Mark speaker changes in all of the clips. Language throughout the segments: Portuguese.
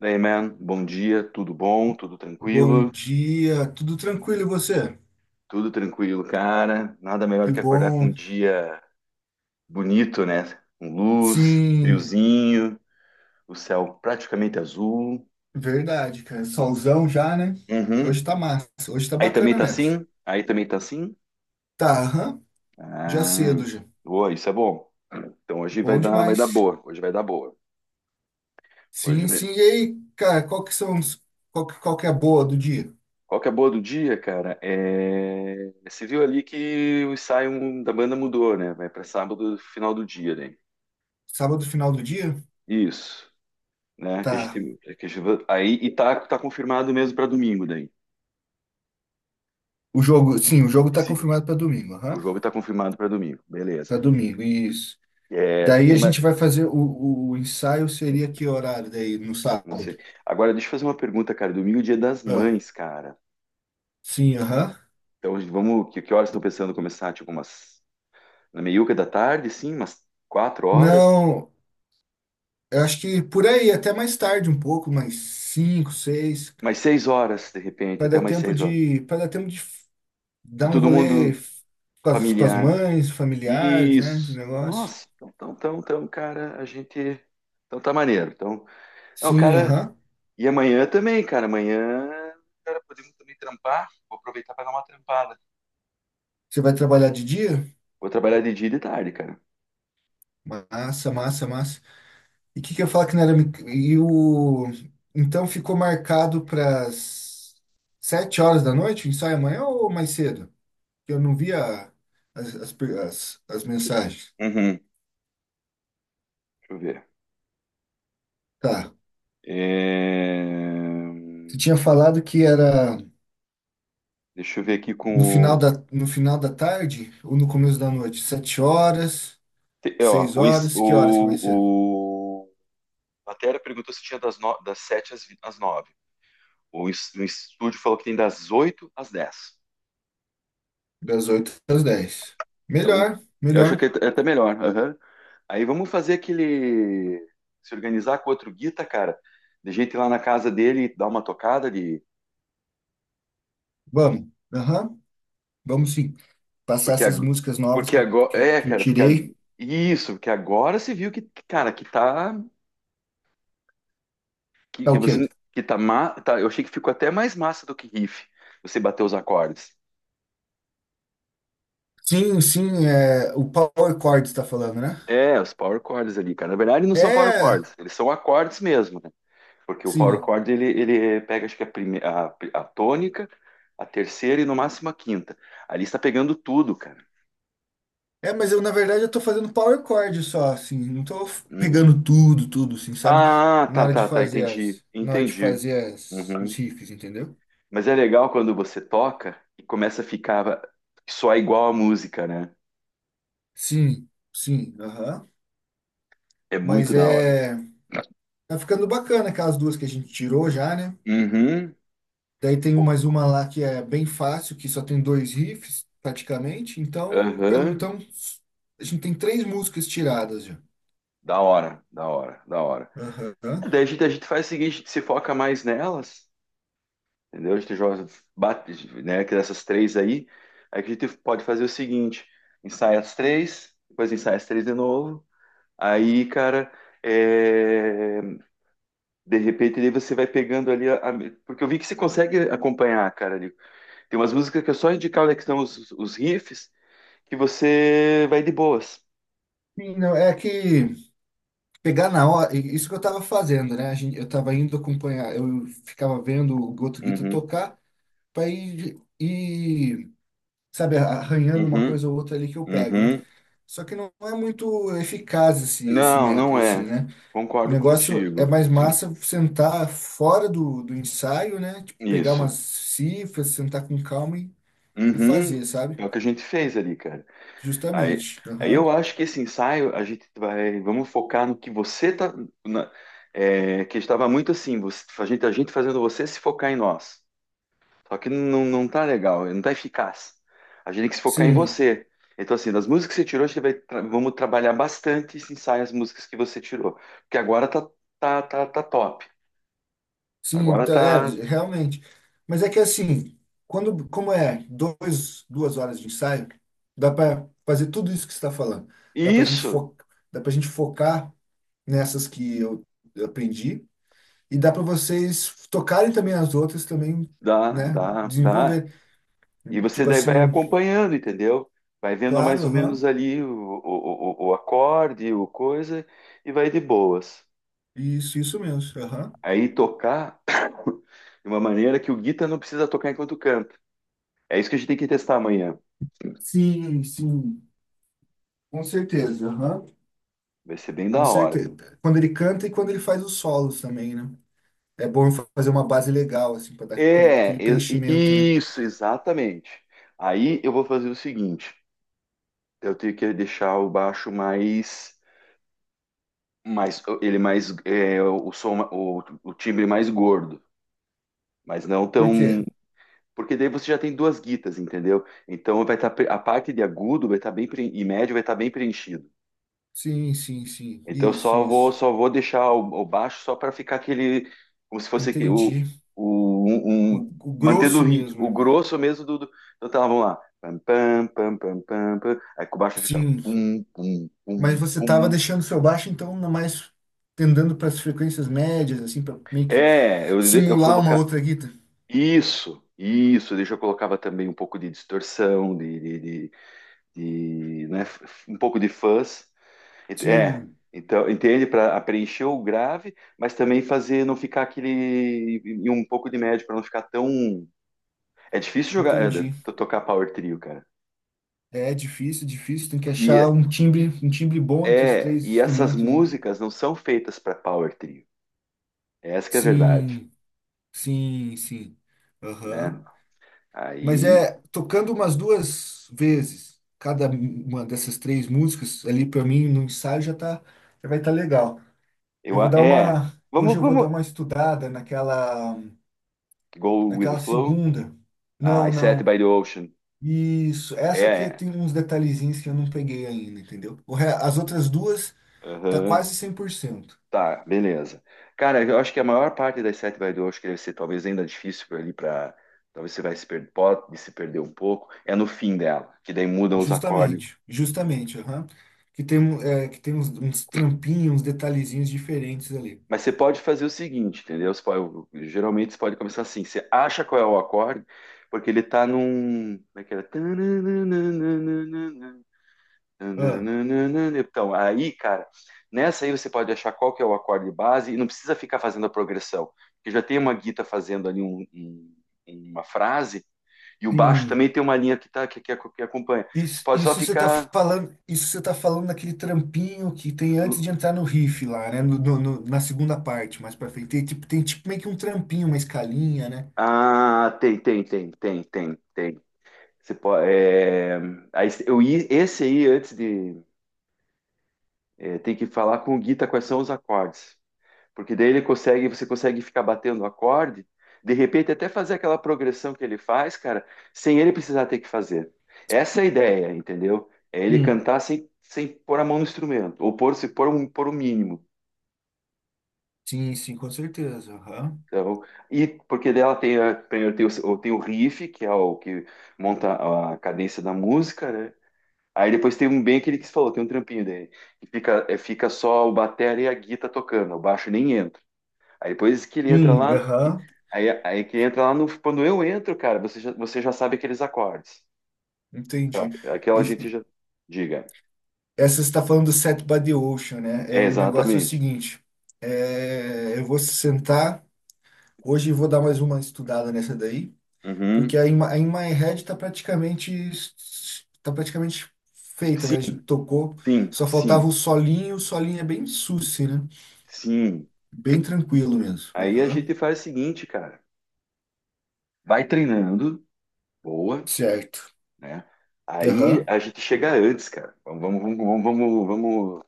Speaker 1: Daí, man, bom dia, tudo bom,
Speaker 2: Bom dia, tudo tranquilo e você?
Speaker 1: tudo tranquilo, cara. Nada melhor
Speaker 2: Que
Speaker 1: que acordar com um
Speaker 2: bom.
Speaker 1: dia bonito, né? Com luz,
Speaker 2: Sim,
Speaker 1: friozinho, o céu praticamente azul.
Speaker 2: verdade, cara. Solzão já, né?
Speaker 1: Uhum.
Speaker 2: Hoje tá massa, hoje tá
Speaker 1: Aí também
Speaker 2: bacana
Speaker 1: tá
Speaker 2: mesmo.
Speaker 1: assim? Aí também tá assim?
Speaker 2: Tá, aham, já
Speaker 1: Ah,
Speaker 2: cedo já.
Speaker 1: boa, isso é bom. Então hoje vai
Speaker 2: Bom
Speaker 1: dar, vai dar
Speaker 2: demais.
Speaker 1: boa. Hoje vai dar boa. Hoje
Speaker 2: Sim, sim.
Speaker 1: mesmo.
Speaker 2: E aí, cara, qual que são os, qual que é a boa do dia?
Speaker 1: Qual que é a boa do dia, cara? Você viu ali que o ensaio da banda mudou, né? Vai para sábado, final do dia, né?
Speaker 2: Sábado, final do dia?
Speaker 1: Isso. Né?
Speaker 2: Tá.
Speaker 1: Que a gente- aí e tá, tá confirmado mesmo para domingo daí.
Speaker 2: O jogo, sim, o jogo tá
Speaker 1: Esse-
Speaker 2: confirmado pra domingo,
Speaker 1: o
Speaker 2: aham.
Speaker 1: jogo tá confirmado para domingo, beleza.
Speaker 2: Pra domingo, isso.
Speaker 1: É,
Speaker 2: Daí a
Speaker 1: tem mais,
Speaker 2: gente vai fazer o ensaio seria que horário daí no
Speaker 1: não sei.
Speaker 2: sábado?
Speaker 1: Agora deixa eu fazer uma pergunta, cara. Domingo é dia das
Speaker 2: Ah,
Speaker 1: mães, cara.
Speaker 2: sim, aham.
Speaker 1: Então vamos, que horas estão pensando começar? Tipo umas na meiuca da tarde, sim, umas quatro horas,
Speaker 2: Não. Eu acho que por aí, até mais tarde um pouco, mais cinco, seis,
Speaker 1: mais seis horas de repente,
Speaker 2: para
Speaker 1: até
Speaker 2: dar
Speaker 1: umas
Speaker 2: tempo
Speaker 1: seis horas.
Speaker 2: de, para dar tempo de
Speaker 1: De
Speaker 2: dar um
Speaker 1: todo
Speaker 2: rolê
Speaker 1: mundo
Speaker 2: com as
Speaker 1: familiar.
Speaker 2: mães, familiares, né, esse
Speaker 1: Isso.
Speaker 2: negócio.
Speaker 1: Nossa, então, cara, a gente, então tá maneiro. Então, não,
Speaker 2: Sim,
Speaker 1: cara.
Speaker 2: aham.
Speaker 1: E amanhã também, cara. Amanhã, cara, podemos também trampar. Vou aproveitar para dar uma trampada.
Speaker 2: Você vai trabalhar de dia?
Speaker 1: Vou trabalhar de dia e de tarde, cara.
Speaker 2: Massa, massa, massa. E o que que eu ia falar que não era... E o... Então ficou marcado para as 19h da noite, o ensaio amanhã ou mais cedo? Eu não via as, as, per- as as mensagens.
Speaker 1: Uhum. Deixa eu ver.
Speaker 2: Tá.
Speaker 1: É,
Speaker 2: Você tinha falado que era
Speaker 1: deixa eu ver aqui com
Speaker 2: No final
Speaker 1: o.
Speaker 2: da, no final da tarde ou no começo da noite? Sete horas,
Speaker 1: Ó,
Speaker 2: seis
Speaker 1: o, ins-
Speaker 2: horas, que horas que vai ser?
Speaker 1: o... a Matéria perguntou se tinha das, no... das 7 às, às 9. O estúdio falou que tem das 8 às 10.
Speaker 2: Das 8 às 10.
Speaker 1: Então,
Speaker 2: Melhor,
Speaker 1: eu acho
Speaker 2: melhor.
Speaker 1: que é até melhor. Aham. Aí vamos fazer aquele. Se organizar com outro guita, cara. De gente ir lá na casa dele e dar uma tocada de.
Speaker 2: Vamos. Aham, vamos sim. Passar
Speaker 1: Porque,
Speaker 2: essas
Speaker 1: ag-
Speaker 2: músicas novas
Speaker 1: Porque
Speaker 2: que eu,
Speaker 1: agora.
Speaker 2: que, que eu tirei.
Speaker 1: Isso, porque agora se viu que, cara, que tá.
Speaker 2: É
Speaker 1: Que
Speaker 2: o quê?
Speaker 1: você. Que tá, tá. Eu achei que ficou até mais massa do que riff. Você bater os acordes.
Speaker 2: Sim, sim, é o Power Chord está falando, né?
Speaker 1: É, os power chords ali, cara. Na verdade, não são power
Speaker 2: É,
Speaker 1: chords, eles são acordes mesmo, né? Porque o power
Speaker 2: sim.
Speaker 1: chord ele pega, acho que a, a tônica, a terceira e no máximo a quinta. Ali está pegando tudo, cara.
Speaker 2: É, mas eu na verdade eu tô fazendo Power Chord só, assim, não tô
Speaker 1: Uhum.
Speaker 2: pegando tudo, tudo, assim, sabe?
Speaker 1: Ah,
Speaker 2: Na hora de
Speaker 1: tá,
Speaker 2: fazer
Speaker 1: entendi,
Speaker 2: as, na hora de
Speaker 1: entendi.
Speaker 2: fazer as, os
Speaker 1: Uhum.
Speaker 2: riffs, entendeu?
Speaker 1: Mas é legal quando você toca e começa a ficar só igual a música, né?
Speaker 2: Sim, sim, aham.
Speaker 1: É muito
Speaker 2: Mas
Speaker 1: da hora.
Speaker 2: é. Tá ficando bacana aquelas duas que a gente tirou já, né?
Speaker 1: Uhum.
Speaker 2: Daí tem mais uma lá que é bem fácil, que só tem dois riffs, praticamente. Então, pelo
Speaker 1: Aham.
Speaker 2: então, a gente tem três músicas tiradas já.
Speaker 1: Da hora, da hora, da hora.
Speaker 2: Aham.
Speaker 1: Daí a gente faz o seguinte, se foca mais nelas. Entendeu? A gente joga, bate, né, que dessas três aí, aí que a gente pode fazer o seguinte, ensaia as três, depois ensaia as três de novo, aí, cara, é, de repente daí você vai pegando ali, porque eu vi que você consegue acompanhar, cara, ali. Tem umas músicas que é só indicar onde é que estão os riffs, que você vai de boas.
Speaker 2: Sim, não, é que pegar na hora, isso que eu tava fazendo, né? Eu tava indo acompanhar, eu ficava vendo o Goto Guita
Speaker 1: Uhum,
Speaker 2: tocar para ir, sabe, arranhando uma
Speaker 1: uhum,
Speaker 2: coisa ou outra ali que eu pego, né?
Speaker 1: uhum.
Speaker 2: Só que não é muito eficaz esse
Speaker 1: Não, não
Speaker 2: método, assim,
Speaker 1: é.
Speaker 2: né? O
Speaker 1: Concordo
Speaker 2: negócio é
Speaker 1: contigo.
Speaker 2: mais massa sentar fora do ensaio, né? Tipo, pegar umas
Speaker 1: Isso.
Speaker 2: cifras, sentar com calma e
Speaker 1: Uhum.
Speaker 2: fazer, sabe?
Speaker 1: É o que a gente fez ali, cara. Aí,
Speaker 2: Justamente.
Speaker 1: aí
Speaker 2: Aham.
Speaker 1: eu acho que esse ensaio a gente vai, vamos focar no que você tá, na- é, que estava muito assim, a gente fazendo você se focar em nós. Só que não, não tá legal, não tá eficaz. A gente tem que se focar em
Speaker 2: Sim,
Speaker 1: você. Então assim, das músicas que você tirou, a gente vai, vamos trabalhar bastante esse ensaio, as músicas que você tirou, porque agora tá, tá top.
Speaker 2: sim,
Speaker 1: Agora
Speaker 2: tá, é,
Speaker 1: tá
Speaker 2: realmente. Mas é que assim, quando, como é duas horas de ensaio, dá para fazer tudo isso que você está falando. Dá para gente
Speaker 1: isso,
Speaker 2: fo, dá para gente focar nessas que eu aprendi. E dá para vocês tocarem também as outras também,
Speaker 1: dá,
Speaker 2: né?
Speaker 1: dá, dá.
Speaker 2: Desenvolver.
Speaker 1: E você
Speaker 2: Tipo
Speaker 1: daí vai
Speaker 2: assim,
Speaker 1: acompanhando, entendeu? Vai vendo mais
Speaker 2: claro,
Speaker 1: ou menos
Speaker 2: aham.
Speaker 1: ali o acorde, o coisa, e vai de boas.
Speaker 2: Isso mesmo. Aham.
Speaker 1: Aí tocar de uma maneira que o guita não precisa tocar enquanto canta. É isso que a gente tem que testar amanhã.
Speaker 2: Sim, sim. Com certeza, aham.
Speaker 1: Vai ser bem
Speaker 2: Com
Speaker 1: da hora.
Speaker 2: certeza. Quando ele canta e quando ele faz os solos também, né? É bom fazer uma base legal, assim, para dar aquele,
Speaker 1: É,
Speaker 2: aquele preenchimento, né?
Speaker 1: isso, exatamente. Aí eu vou fazer o seguinte: eu tenho que deixar o baixo mais, mais ele mais, é, o som, o timbre mais gordo, mas não
Speaker 2: Por
Speaker 1: tão.
Speaker 2: quê?
Speaker 1: Porque daí você já tem duas guitas, entendeu? Então vai estar a parte de agudo vai estar e médio vai estar bem preenchido.
Speaker 2: Sim, sim, sim.
Speaker 1: Então eu
Speaker 2: Isso, isso.
Speaker 1: só vou deixar o baixo só para ficar aquele como se fosse
Speaker 2: Entendi. O,
Speaker 1: um,
Speaker 2: o
Speaker 1: mantendo o
Speaker 2: grosso
Speaker 1: ritmo,
Speaker 2: mesmo,
Speaker 1: o
Speaker 2: né?
Speaker 1: grosso mesmo do então tá, vamos lá. Pam, pam, pam, pam, pam, pam. Aí com o baixo fica
Speaker 2: Sim.
Speaker 1: pum, pum,
Speaker 2: Mas
Speaker 1: pum,
Speaker 2: você estava
Speaker 1: pum.
Speaker 2: deixando seu baixo, então, na mais tendendo para as frequências médias, assim, para meio que
Speaker 1: É, eu
Speaker 2: simular uma
Speaker 1: colocar
Speaker 2: outra guitarra.
Speaker 1: isso, isso, deixa eu colocava também um pouco de distorção, né, um pouco de fuzz. Ent- É,
Speaker 2: Sim,
Speaker 1: então, entende? Para preencher o grave, mas também fazer não ficar aquele. E um pouco de médio, para não ficar tão. É difícil jogar, é,
Speaker 2: entendi.
Speaker 1: tocar power trio, cara.
Speaker 2: É difícil, difícil. Tem que achar
Speaker 1: E
Speaker 2: um timbre bom entre os
Speaker 1: é,
Speaker 2: três
Speaker 1: e essas
Speaker 2: instrumentos, né?
Speaker 1: músicas não são feitas para power trio. Essa que é a verdade,
Speaker 2: Sim, sim, sim.
Speaker 1: né?
Speaker 2: Aham. Mas
Speaker 1: Aí
Speaker 2: é tocando umas duas vezes cada uma dessas três músicas ali para mim no ensaio já tá, já vai estar legal. Eu vou dar
Speaker 1: é,
Speaker 2: uma, hoje
Speaker 1: vamos,
Speaker 2: eu vou dar
Speaker 1: vamos.
Speaker 2: uma estudada naquela.
Speaker 1: Go with the
Speaker 2: Naquela
Speaker 1: flow.
Speaker 2: segunda.
Speaker 1: Ah,
Speaker 2: Não,
Speaker 1: I sat
Speaker 2: não.
Speaker 1: by the ocean.
Speaker 2: Isso. Essa aqui
Speaker 1: É,
Speaker 2: tem uns detalhezinhos que eu não peguei ainda, entendeu? As outras duas tá
Speaker 1: aham.
Speaker 2: quase 100%.
Speaker 1: Tá, beleza. Cara, eu acho que a maior parte das sete vai do, acho que deve ser talvez ainda difícil por ali para talvez você vai se per- pode se perder um pouco, é no fim dela, que daí mudam os acordes.
Speaker 2: Justamente. Justamente, aham. Que tem, é, que tem uns, uns trampinhos, uns detalhezinhos diferentes ali.
Speaker 1: Mas você pode fazer o seguinte, entendeu? Geralmente você pode começar assim, você acha qual é o acorde, porque ele tá num, como é que era?
Speaker 2: Ah,
Speaker 1: Então, aí, cara, nessa aí você pode achar qual que é o acorde base e não precisa ficar fazendo a progressão. Porque já tem uma guita fazendo ali uma frase e o baixo também
Speaker 2: sim.
Speaker 1: tem uma linha que, tá, que acompanha. Você
Speaker 2: Isso,
Speaker 1: pode só
Speaker 2: isso você tá
Speaker 1: ficar.
Speaker 2: falando, isso você tá falando daquele trampinho que tem antes de entrar no riff lá, né? Na segunda parte, mais pra frente. Tem tipo meio que um trampinho, uma escalinha, né?
Speaker 1: Ah, tem, tem, tem, tem, tem, tem. Você pode, é, aí, eu, esse aí, antes de. É, tem que falar com o guita quais são os acordes. Porque daí ele consegue, você consegue ficar batendo o acorde, de repente até fazer aquela progressão que ele faz, cara, sem ele precisar ter que fazer. Essa é a ideia, entendeu? É ele
Speaker 2: Sim.
Speaker 1: cantar sem, sem pôr a mão no instrumento, ou pôr, se pôr, um, pôr o mínimo.
Speaker 2: Sim, sim, com certeza. Aham.
Speaker 1: Então, e porque dela tem, a, primeiro tem o, tem o riff, que é o que monta a cadência da música, né? Aí depois tem um bem que ele que falou, tem um trampinho dele, que fica, é, fica só o batera e a guitarra tocando, o baixo nem entra. Aí depois que ele entra
Speaker 2: Sim,
Speaker 1: lá,
Speaker 2: aham.
Speaker 1: aí que entra lá no, quando eu entro, cara, você já sabe aqueles acordes.
Speaker 2: Entendi.
Speaker 1: Aquela
Speaker 2: Isso-
Speaker 1: gente já diga.
Speaker 2: essa você está falando do Set by the Ocean, né? É,
Speaker 1: É,
Speaker 2: o negócio é o
Speaker 1: exatamente.
Speaker 2: seguinte: é, eu vou sentar, hoje eu vou dar mais uma estudada nessa daí,
Speaker 1: Uhum.
Speaker 2: porque a In My Head está praticamente, tá praticamente feita,
Speaker 1: Sim,
Speaker 2: né? A gente tocou,
Speaker 1: sim,
Speaker 2: só faltava
Speaker 1: sim,
Speaker 2: o solinho é bem susse, né?
Speaker 1: sim.
Speaker 2: Bem tranquilo mesmo.
Speaker 1: Aí a
Speaker 2: Aham.
Speaker 1: gente faz o seguinte, cara. Vai treinando, boa,
Speaker 2: Certo.
Speaker 1: né? Aí
Speaker 2: Aham.
Speaker 1: a gente chega antes, cara. Vamos, vamos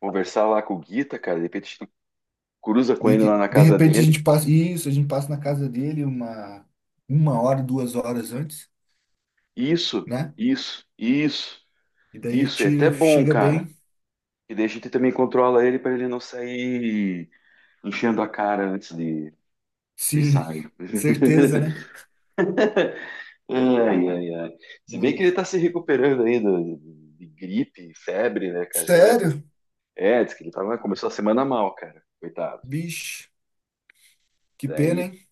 Speaker 1: conversar lá com o Guita, cara. De repente a gente cruza com
Speaker 2: De,
Speaker 1: ele lá
Speaker 2: que-
Speaker 1: na
Speaker 2: de
Speaker 1: casa
Speaker 2: repente a
Speaker 1: dele.
Speaker 2: gente passa, isso, a gente passa na casa dele uma 1 hora, 2 horas antes,
Speaker 1: Isso,
Speaker 2: né?
Speaker 1: isso, isso,
Speaker 2: E daí
Speaker 1: isso. É até
Speaker 2: tira,
Speaker 1: bom,
Speaker 2: chega
Speaker 1: cara.
Speaker 2: bem.
Speaker 1: E daí a gente também controla ele para ele não sair enchendo a cara antes de, do
Speaker 2: Sim,
Speaker 1: ensaio.
Speaker 2: certeza, né?
Speaker 1: Ai, ai, ai. Se bem que ele
Speaker 2: Hum.
Speaker 1: tá se recuperando ainda de gripe, febre, né, cara?
Speaker 2: Sério?
Speaker 1: É, diz que ele tava, começou a semana mal, cara. Coitado.
Speaker 2: Vixe, que pena,
Speaker 1: Daí.
Speaker 2: hein?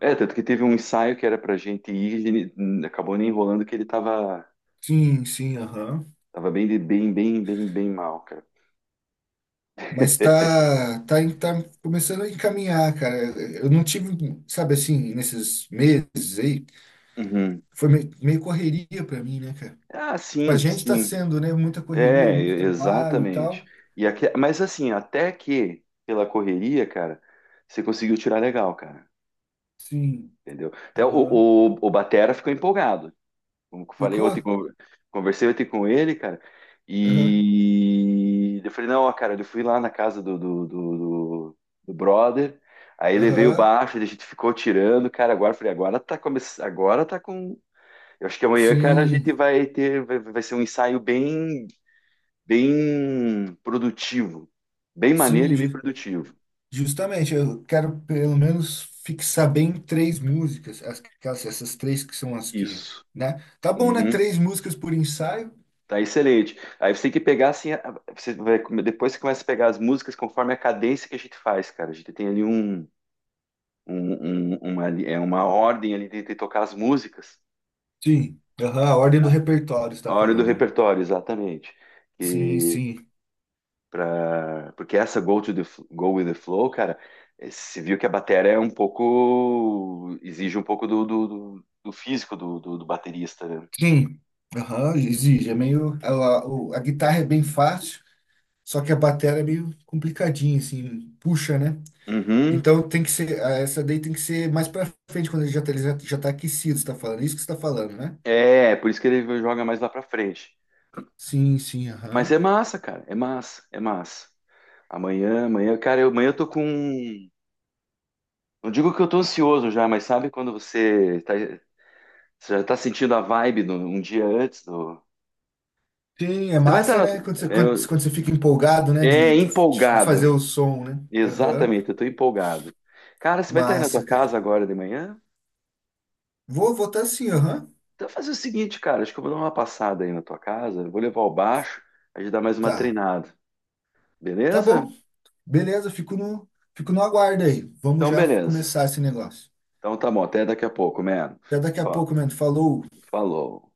Speaker 1: É, tanto que teve um ensaio que era pra gente ir, e ele acabou nem enrolando que ele tava,
Speaker 2: Sim, sim, aham.
Speaker 1: tava bem, bem, bem mal, cara.
Speaker 2: Mas tá, tá começando a encaminhar, cara. Eu não tive, sabe assim, nesses meses aí,
Speaker 1: Uhum.
Speaker 2: foi meio, meio correria pra mim, né, cara?
Speaker 1: Ah,
Speaker 2: Pra
Speaker 1: sim,
Speaker 2: gente tá
Speaker 1: sim.
Speaker 2: sendo, né, muita correria,
Speaker 1: É,
Speaker 2: muito trabalho e
Speaker 1: exatamente.
Speaker 2: tal.
Speaker 1: Mas assim, até que pela correria, cara, você conseguiu tirar legal, cara.
Speaker 2: Sim,
Speaker 1: Entendeu? Até
Speaker 2: aham.
Speaker 1: o Batera ficou empolgado. Como eu falei
Speaker 2: Ficou?
Speaker 1: ontem, conversei ontem com ele, cara,
Speaker 2: Aham,
Speaker 1: e eu falei, não, ó, cara, eu fui lá na casa do brother, aí levei o
Speaker 2: aham.
Speaker 1: baixo, a gente ficou tirando, cara, agora eu falei, agora tá começando, agora tá com. Eu acho que amanhã, cara, a
Speaker 2: Sim,
Speaker 1: gente vai ter, vai ser um ensaio bem, bem produtivo, bem maneiro
Speaker 2: sim,
Speaker 1: e bem
Speaker 2: ju-
Speaker 1: produtivo.
Speaker 2: justamente. Eu quero pelo menos fixar bem três músicas, essas três que são as que,
Speaker 1: Isso.
Speaker 2: né? Tá bom, né?
Speaker 1: Uhum.
Speaker 2: Três músicas por ensaio?
Speaker 1: Tá excelente. Aí você tem que pegar assim, você vai, depois você começa a pegar as músicas conforme a cadência que a gente faz, cara. A gente tem ali um, é uma ordem ali de tocar as músicas.
Speaker 2: Sim, aham, a ordem do
Speaker 1: Tá.
Speaker 2: repertório está
Speaker 1: A hora do
Speaker 2: falando, né?
Speaker 1: repertório, exatamente.
Speaker 2: Sim,
Speaker 1: E
Speaker 2: sim,
Speaker 1: pra, porque essa Go with the Flow, cara, eh, você viu que a bateria é um pouco, exige um pouco do físico do baterista, né?
Speaker 2: sim. Aham, exige. É meio. A guitarra é bem fácil, só que a bateria é meio complicadinha, assim, puxa, né?
Speaker 1: Uhum.
Speaker 2: Então tem que ser, ah, essa daí tem que ser mais pra frente, quando ele já tá aquecido, você tá falando. Isso que você tá falando, né?
Speaker 1: É, por isso que ele joga mais lá pra frente.
Speaker 2: Sim, sim,
Speaker 1: Mas
Speaker 2: aham.
Speaker 1: é massa, cara. É massa, é massa. Amanhã, amanhã, cara, eu, amanhã eu tô com. Não digo que eu tô ansioso já, mas sabe quando você, tá, você já tá sentindo a vibe do, um dia antes do.
Speaker 2: Sim, é
Speaker 1: Você vai estar.
Speaker 2: massa, né? Quando
Speaker 1: Na-
Speaker 2: você, quando, quando você fica empolgado, né?
Speaker 1: é,
Speaker 2: De,
Speaker 1: é
Speaker 2: de, de fazer
Speaker 1: empolgado.
Speaker 2: o som, né? Aham.
Speaker 1: Exatamente, eu tô empolgado. Cara, você vai estar aí na tua
Speaker 2: Massa, cara.
Speaker 1: casa agora de manhã?
Speaker 2: Vou votar sim, aham.
Speaker 1: Então fazer o seguinte, cara, acho que eu vou dar uma passada aí na tua casa, vou levar o baixo, a gente dá mais uma
Speaker 2: Tá.
Speaker 1: treinada.
Speaker 2: Tá
Speaker 1: Beleza?
Speaker 2: bom. Beleza, fico no aguardo aí. Vamos
Speaker 1: Então,
Speaker 2: já
Speaker 1: beleza.
Speaker 2: começar esse negócio.
Speaker 1: Então tá bom, até daqui a pouco, mano.
Speaker 2: Até daqui a
Speaker 1: Fa-
Speaker 2: pouco, mano. Falou.
Speaker 1: Falou.